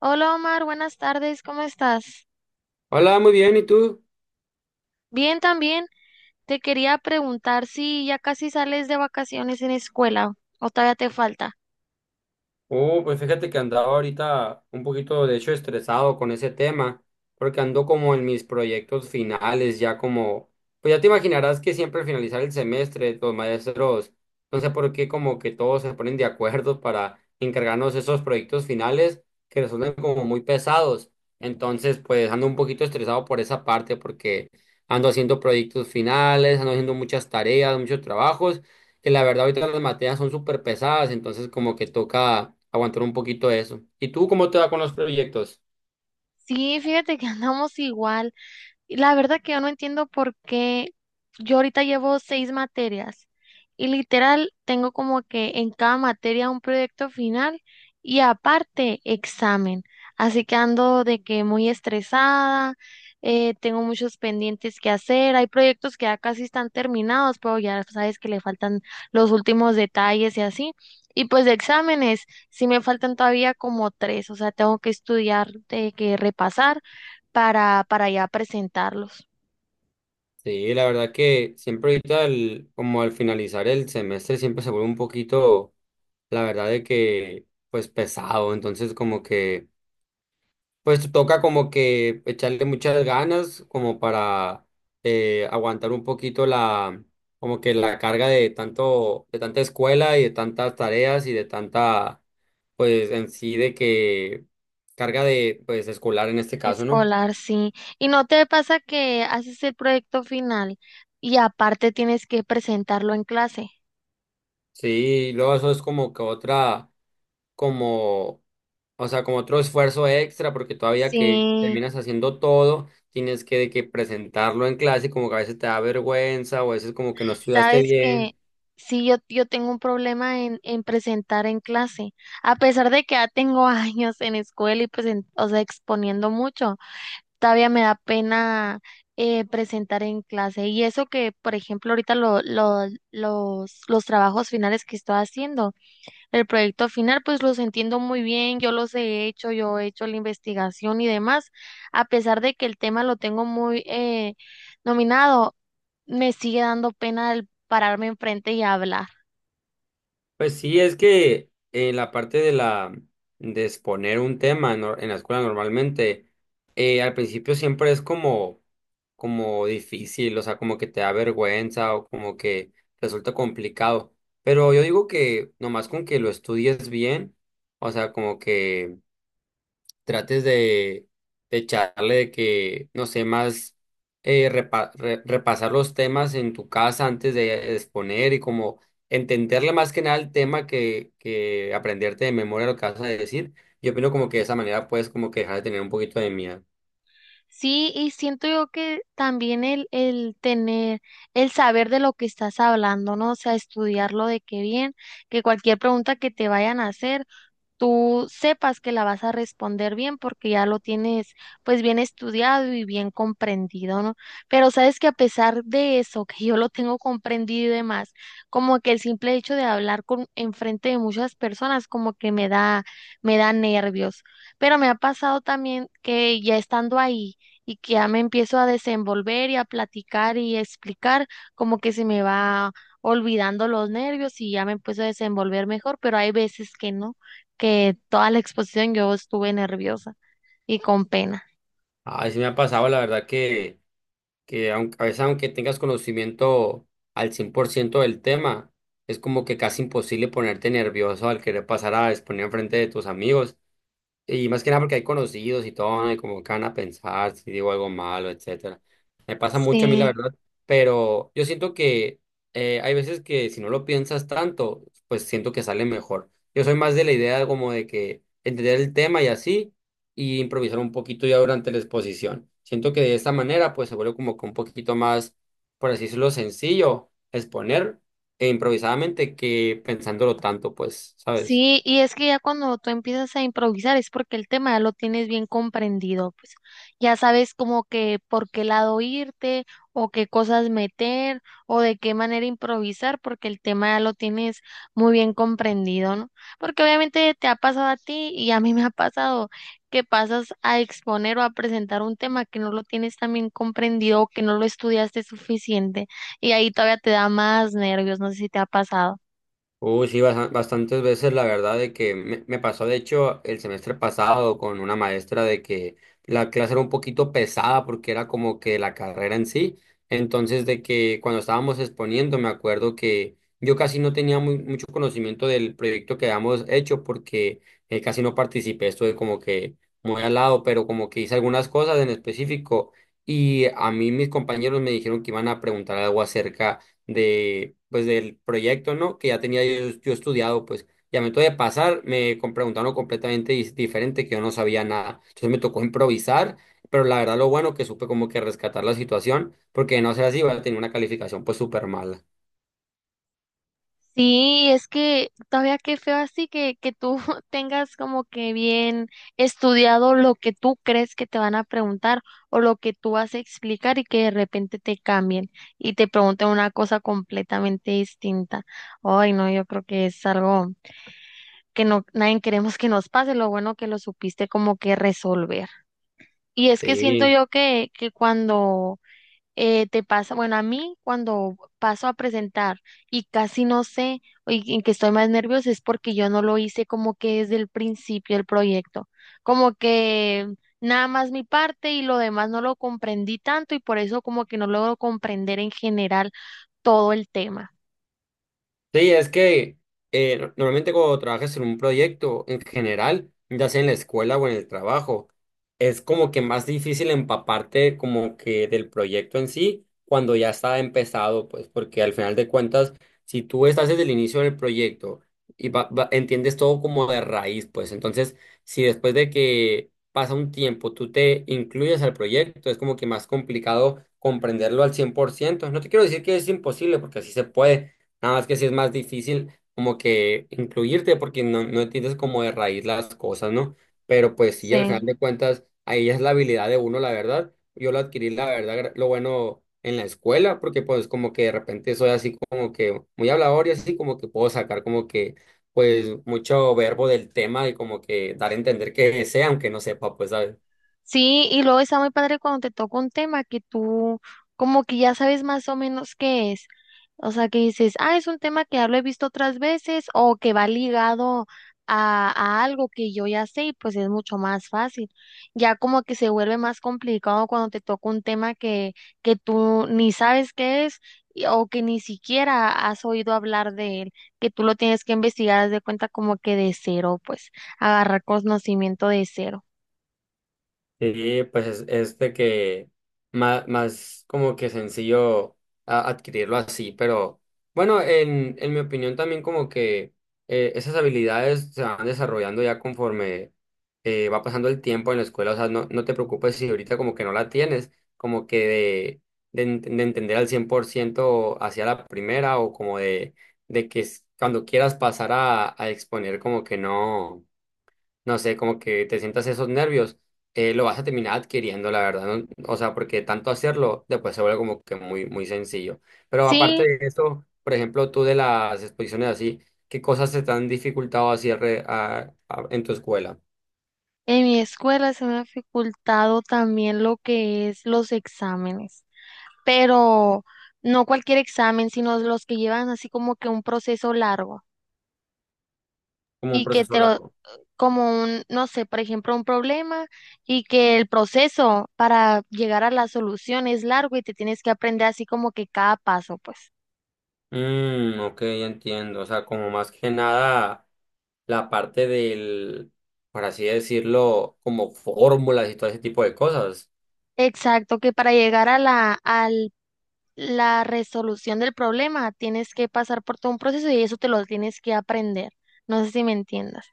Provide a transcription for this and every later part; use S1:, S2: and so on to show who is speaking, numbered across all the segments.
S1: Hola Omar, buenas tardes, ¿cómo estás?
S2: Hola, muy bien, ¿y tú?
S1: Bien también. Te quería preguntar si ya casi sales de vacaciones en escuela o todavía te falta.
S2: Oh, pues fíjate que andaba ahorita un poquito, de hecho, estresado con ese tema, porque ando como en mis proyectos finales, ya como, pues ya te imaginarás que siempre al finalizar el semestre, los maestros, no sé por qué, como que todos se ponen de acuerdo para encargarnos esos proyectos finales que resultan como muy pesados. Entonces, pues ando un poquito estresado por esa parte, porque ando haciendo proyectos finales, ando haciendo muchas tareas, muchos trabajos. Que la verdad ahorita las materias son súper pesadas, entonces como que toca aguantar un poquito de eso. ¿Y tú cómo te va con los proyectos?
S1: Sí, fíjate que andamos igual. Y la verdad que yo no entiendo por qué yo ahorita llevo seis materias y literal tengo como que en cada materia un proyecto final y aparte examen. Así que ando de que muy estresada, tengo muchos pendientes que hacer, hay proyectos que ya casi están terminados, pero ya sabes que le faltan los últimos detalles y así. Y pues de exámenes, sí me faltan todavía como tres, o sea, tengo que estudiar, que repasar para ya presentarlos.
S2: Sí, la verdad que siempre ahorita, como al finalizar el semestre, siempre se vuelve un poquito, la verdad de que, pues pesado, entonces como que... Pues toca como que echarle muchas ganas como para aguantar un poquito la como que la carga de tanto de tanta escuela y de tantas tareas y de tanta pues en sí de que carga de pues escolar en este caso, ¿no?
S1: Escolar, sí. ¿Y no te pasa que haces el proyecto final y aparte tienes que presentarlo en clase?
S2: Sí, y luego eso es como que otra como, o sea, como otro esfuerzo extra porque todavía que
S1: Sí,
S2: terminas haciendo todo tienes que, de que presentarlo en clase y como que a veces te da vergüenza o a veces como que no estudiaste
S1: sabes que
S2: bien.
S1: sí, yo tengo un problema en presentar en clase, a pesar de que ya tengo años en escuela y pues, o sea, exponiendo mucho, todavía me da pena presentar en clase. Y eso que, por ejemplo, ahorita los trabajos finales que estoy haciendo. El proyecto final, pues los entiendo muy bien, yo los he hecho, yo he hecho la investigación y demás. A pesar de que el tema lo tengo muy nominado, me sigue dando pena el pararme enfrente y hablar.
S2: Pues sí, es que la parte de la de exponer un tema en, en la escuela normalmente al principio siempre es como como difícil, o sea, como que te da vergüenza o como que resulta complicado. Pero yo digo que nomás con que lo estudies bien, o sea, como que trates de echarle de que, no sé, más repasar los temas en tu casa antes de exponer y como entenderle más que nada el tema que aprenderte de memoria lo que vas a decir. Yo opino como que de esa manera puedes como que dejar de tener un poquito de miedo.
S1: Sí, y siento yo que también el tener, el saber de lo que estás hablando, ¿no? O sea, estudiarlo de qué bien, que cualquier pregunta que te vayan a hacer, tú sepas que la vas a responder bien porque ya lo tienes pues bien estudiado y bien comprendido, ¿no? Pero sabes que a pesar de eso, que yo lo tengo comprendido y demás, como que el simple hecho de hablar con enfrente de muchas personas como que me da nervios. Pero me ha pasado también que ya estando ahí y que ya me empiezo a desenvolver y a platicar y a explicar, como que se me va olvidando los nervios y ya me empiezo a desenvolver mejor, pero hay veces que no, que toda la exposición yo estuve nerviosa y con pena.
S2: A sí me ha pasado, la verdad que aunque, a veces aunque tengas conocimiento al 100% del tema, es como que casi imposible ponerte nervioso al querer pasar a exponer frente de tus amigos. Y más que nada porque hay conocidos y todo, ¿no? Y como que van a pensar si digo algo malo, etcétera. Me pasa mucho a mí, la
S1: Sí.
S2: verdad, pero yo siento que hay veces que si no lo piensas tanto, pues siento que sale mejor. Yo soy más de la idea como de que entender el tema y así, y improvisar un poquito ya durante la exposición. Siento que de esta manera, pues se vuelve como que un poquito más, por así decirlo, sencillo exponer e improvisadamente que pensándolo tanto, pues, ¿sabes?
S1: Sí, y es que ya cuando tú empiezas a improvisar es porque el tema ya lo tienes bien comprendido, pues ya sabes como que por qué lado irte o qué cosas meter o de qué manera improvisar porque el tema ya lo tienes muy bien comprendido, ¿no? Porque obviamente te ha pasado a ti y a mí me ha pasado que pasas a exponer o a presentar un tema que no lo tienes tan bien comprendido o que no lo estudiaste suficiente y ahí todavía te da más nervios, no sé si te ha pasado.
S2: Uy, sí, bastantes veces la verdad de que me pasó, de hecho, el semestre pasado con una maestra de que la clase era un poquito pesada porque era como que la carrera en sí. Entonces, de que cuando estábamos exponiendo, me acuerdo que yo casi no tenía mucho conocimiento del proyecto que habíamos hecho porque casi no participé, estuve como que muy al lado, pero como que hice algunas cosas en específico y a mí mis compañeros me dijeron que iban a preguntar algo acerca de, pues, del proyecto, ¿no? Que ya tenía yo, yo estudiado, pues, y a momento de pasar, preguntaron algo completamente diferente, que yo no sabía nada. Entonces me tocó improvisar, pero la verdad lo bueno que supe como que rescatar la situación, porque de no ser así, iba a tener una calificación, pues, súper mala.
S1: Sí, es que todavía qué feo así que tú tengas como que bien estudiado lo que tú crees que te van a preguntar o lo que tú vas a explicar y que de repente te cambien y te pregunten una cosa completamente distinta. Ay, no, yo creo que es algo que no, nadie queremos que nos pase, lo bueno que lo supiste como que resolver. Y es que siento
S2: Sí.
S1: yo que cuando te pasa, bueno, a mí cuando paso a presentar y casi no sé y en que estoy más nerviosa es porque yo no lo hice como que desde el principio del proyecto, como que nada más mi parte y lo demás no lo comprendí tanto y por eso como que no logro comprender en general todo el tema.
S2: Sí, es que normalmente cuando trabajas en un proyecto en general, ya sea en la escuela o en el trabajo, es como que más difícil empaparte como que del proyecto en sí cuando ya está empezado, pues porque al final de cuentas, si tú estás desde el inicio del proyecto y entiendes todo como de raíz, pues entonces si después de que pasa un tiempo tú te incluyes al proyecto, es como que más complicado comprenderlo al 100%. No te quiero decir que es imposible, porque así se puede. Nada más que sí es más difícil como que incluirte porque no, no entiendes como de raíz las cosas, ¿no? Pero pues sí, al
S1: Sí.
S2: final de cuentas, ahí es la habilidad de uno, la verdad. Yo lo adquirí, la verdad, lo bueno en la escuela, porque pues como que de repente soy así como que muy hablador y así como que puedo sacar como que pues mucho verbo del tema y como que dar a entender que sé, aunque no sepa, pues, ¿sabes?
S1: Sí, y luego está muy padre cuando te toca un tema que tú como que ya sabes más o menos qué es. O sea, que dices, ah, es un tema que ya lo he visto otras veces o que va ligado a algo que yo ya sé y pues es mucho más fácil. Ya como que se vuelve más complicado cuando te toca un tema que tú ni sabes qué es o que ni siquiera has oído hablar de él, que tú lo tienes que investigar, haz de cuenta como que de cero, pues agarrar conocimiento de cero.
S2: Sí, pues es de que más, más como que sencillo adquirirlo así, pero bueno, en mi opinión también como que esas habilidades se van desarrollando ya conforme va pasando el tiempo en la escuela, o sea, no, no te preocupes si ahorita como que no la tienes, como que de entender al 100% hacia la primera o como de que cuando quieras pasar a exponer como que no no sé, como que te sientas esos nervios, lo vas a terminar adquiriendo, la verdad, ¿no? O sea, porque tanto hacerlo después se vuelve como que muy, muy sencillo. Pero aparte
S1: Sí,
S2: de eso, por ejemplo, tú de las exposiciones así, ¿qué cosas se te han dificultado así en tu escuela?
S1: en mi escuela se me ha dificultado también lo que es los exámenes. Pero no cualquier examen, sino los que llevan así como que un proceso largo
S2: Como un
S1: y que
S2: proceso
S1: te lo,
S2: largo.
S1: como un, no sé, por ejemplo, un problema y que el proceso para llegar a la solución es largo y te tienes que aprender así como que cada paso, pues.
S2: Mm, ok, ya entiendo. O sea, como más que nada la parte del, por así decirlo, como fórmulas y todo ese tipo de cosas.
S1: Exacto, que para llegar a la, al la resolución del problema tienes que pasar por todo un proceso y eso te lo tienes que aprender. No sé si me entiendas.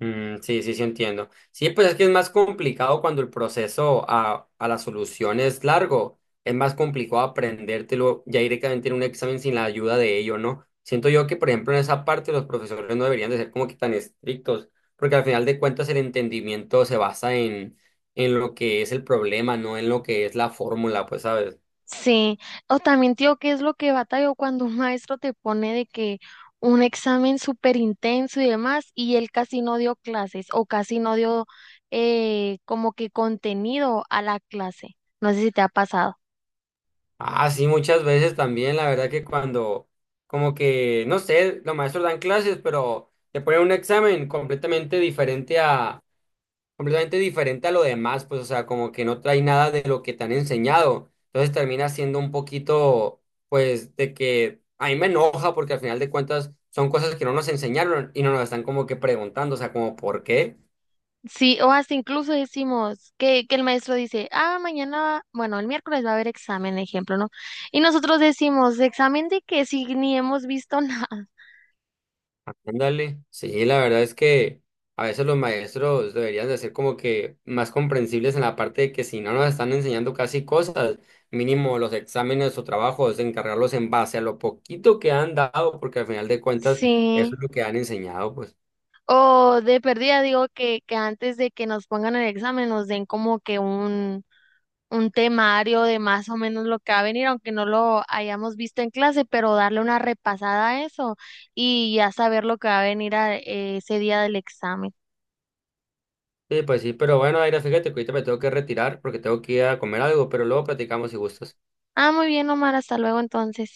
S2: Mm, sí, sí, sí entiendo. Sí, pues es que es más complicado cuando el proceso a la solución es largo. Es más complicado aprendértelo ya directamente en un examen sin la ayuda de ello, ¿no? Siento yo que, por ejemplo, en esa parte los profesores no deberían de ser como que tan estrictos, porque al final de cuentas el entendimiento se basa en lo que es el problema, no en lo que es la fórmula, pues, ¿sabes?
S1: Sí, o también, tío, ¿qué es lo que batallo cuando un maestro te pone de que un examen súper intenso y demás, y él casi no dio clases o casi no dio como que contenido a la clase? No sé si te ha pasado.
S2: Ah, sí, muchas veces también, la verdad que cuando, como que, no sé, los maestros dan clases, pero te ponen un examen completamente diferente a lo demás, pues, o sea, como que no trae nada de lo que te han enseñado. Entonces termina siendo un poquito, pues, de que a mí me enoja porque al final de cuentas son cosas que no nos enseñaron y no nos están como que preguntando, o sea, como, ¿por qué?
S1: Sí, o hasta incluso decimos que el maestro dice, ah, mañana, bueno, el miércoles va a haber examen, ejemplo, ¿no? Y nosotros decimos, ¿examen de qué? Si ni hemos visto nada.
S2: Ándale, sí, la verdad es que a veces los maestros deberían de ser como que más comprensibles en la parte de que si no nos están enseñando casi cosas, mínimo los exámenes o trabajos, encargarlos en base a lo poquito que han dado, porque al final de cuentas eso
S1: Sí.
S2: es lo que han enseñado, pues.
S1: O de perdida, digo que antes de que nos pongan el examen nos den como que un temario de más o menos lo que va a venir, aunque no lo hayamos visto en clase, pero darle una repasada a eso y ya saber lo que va a venir ese día del examen.
S2: Sí, pues sí, pero bueno, Aira, fíjate que ahorita me tengo que retirar porque tengo que ir a comer algo, pero luego platicamos si gustas.
S1: Ah, muy bien, Omar, hasta luego entonces.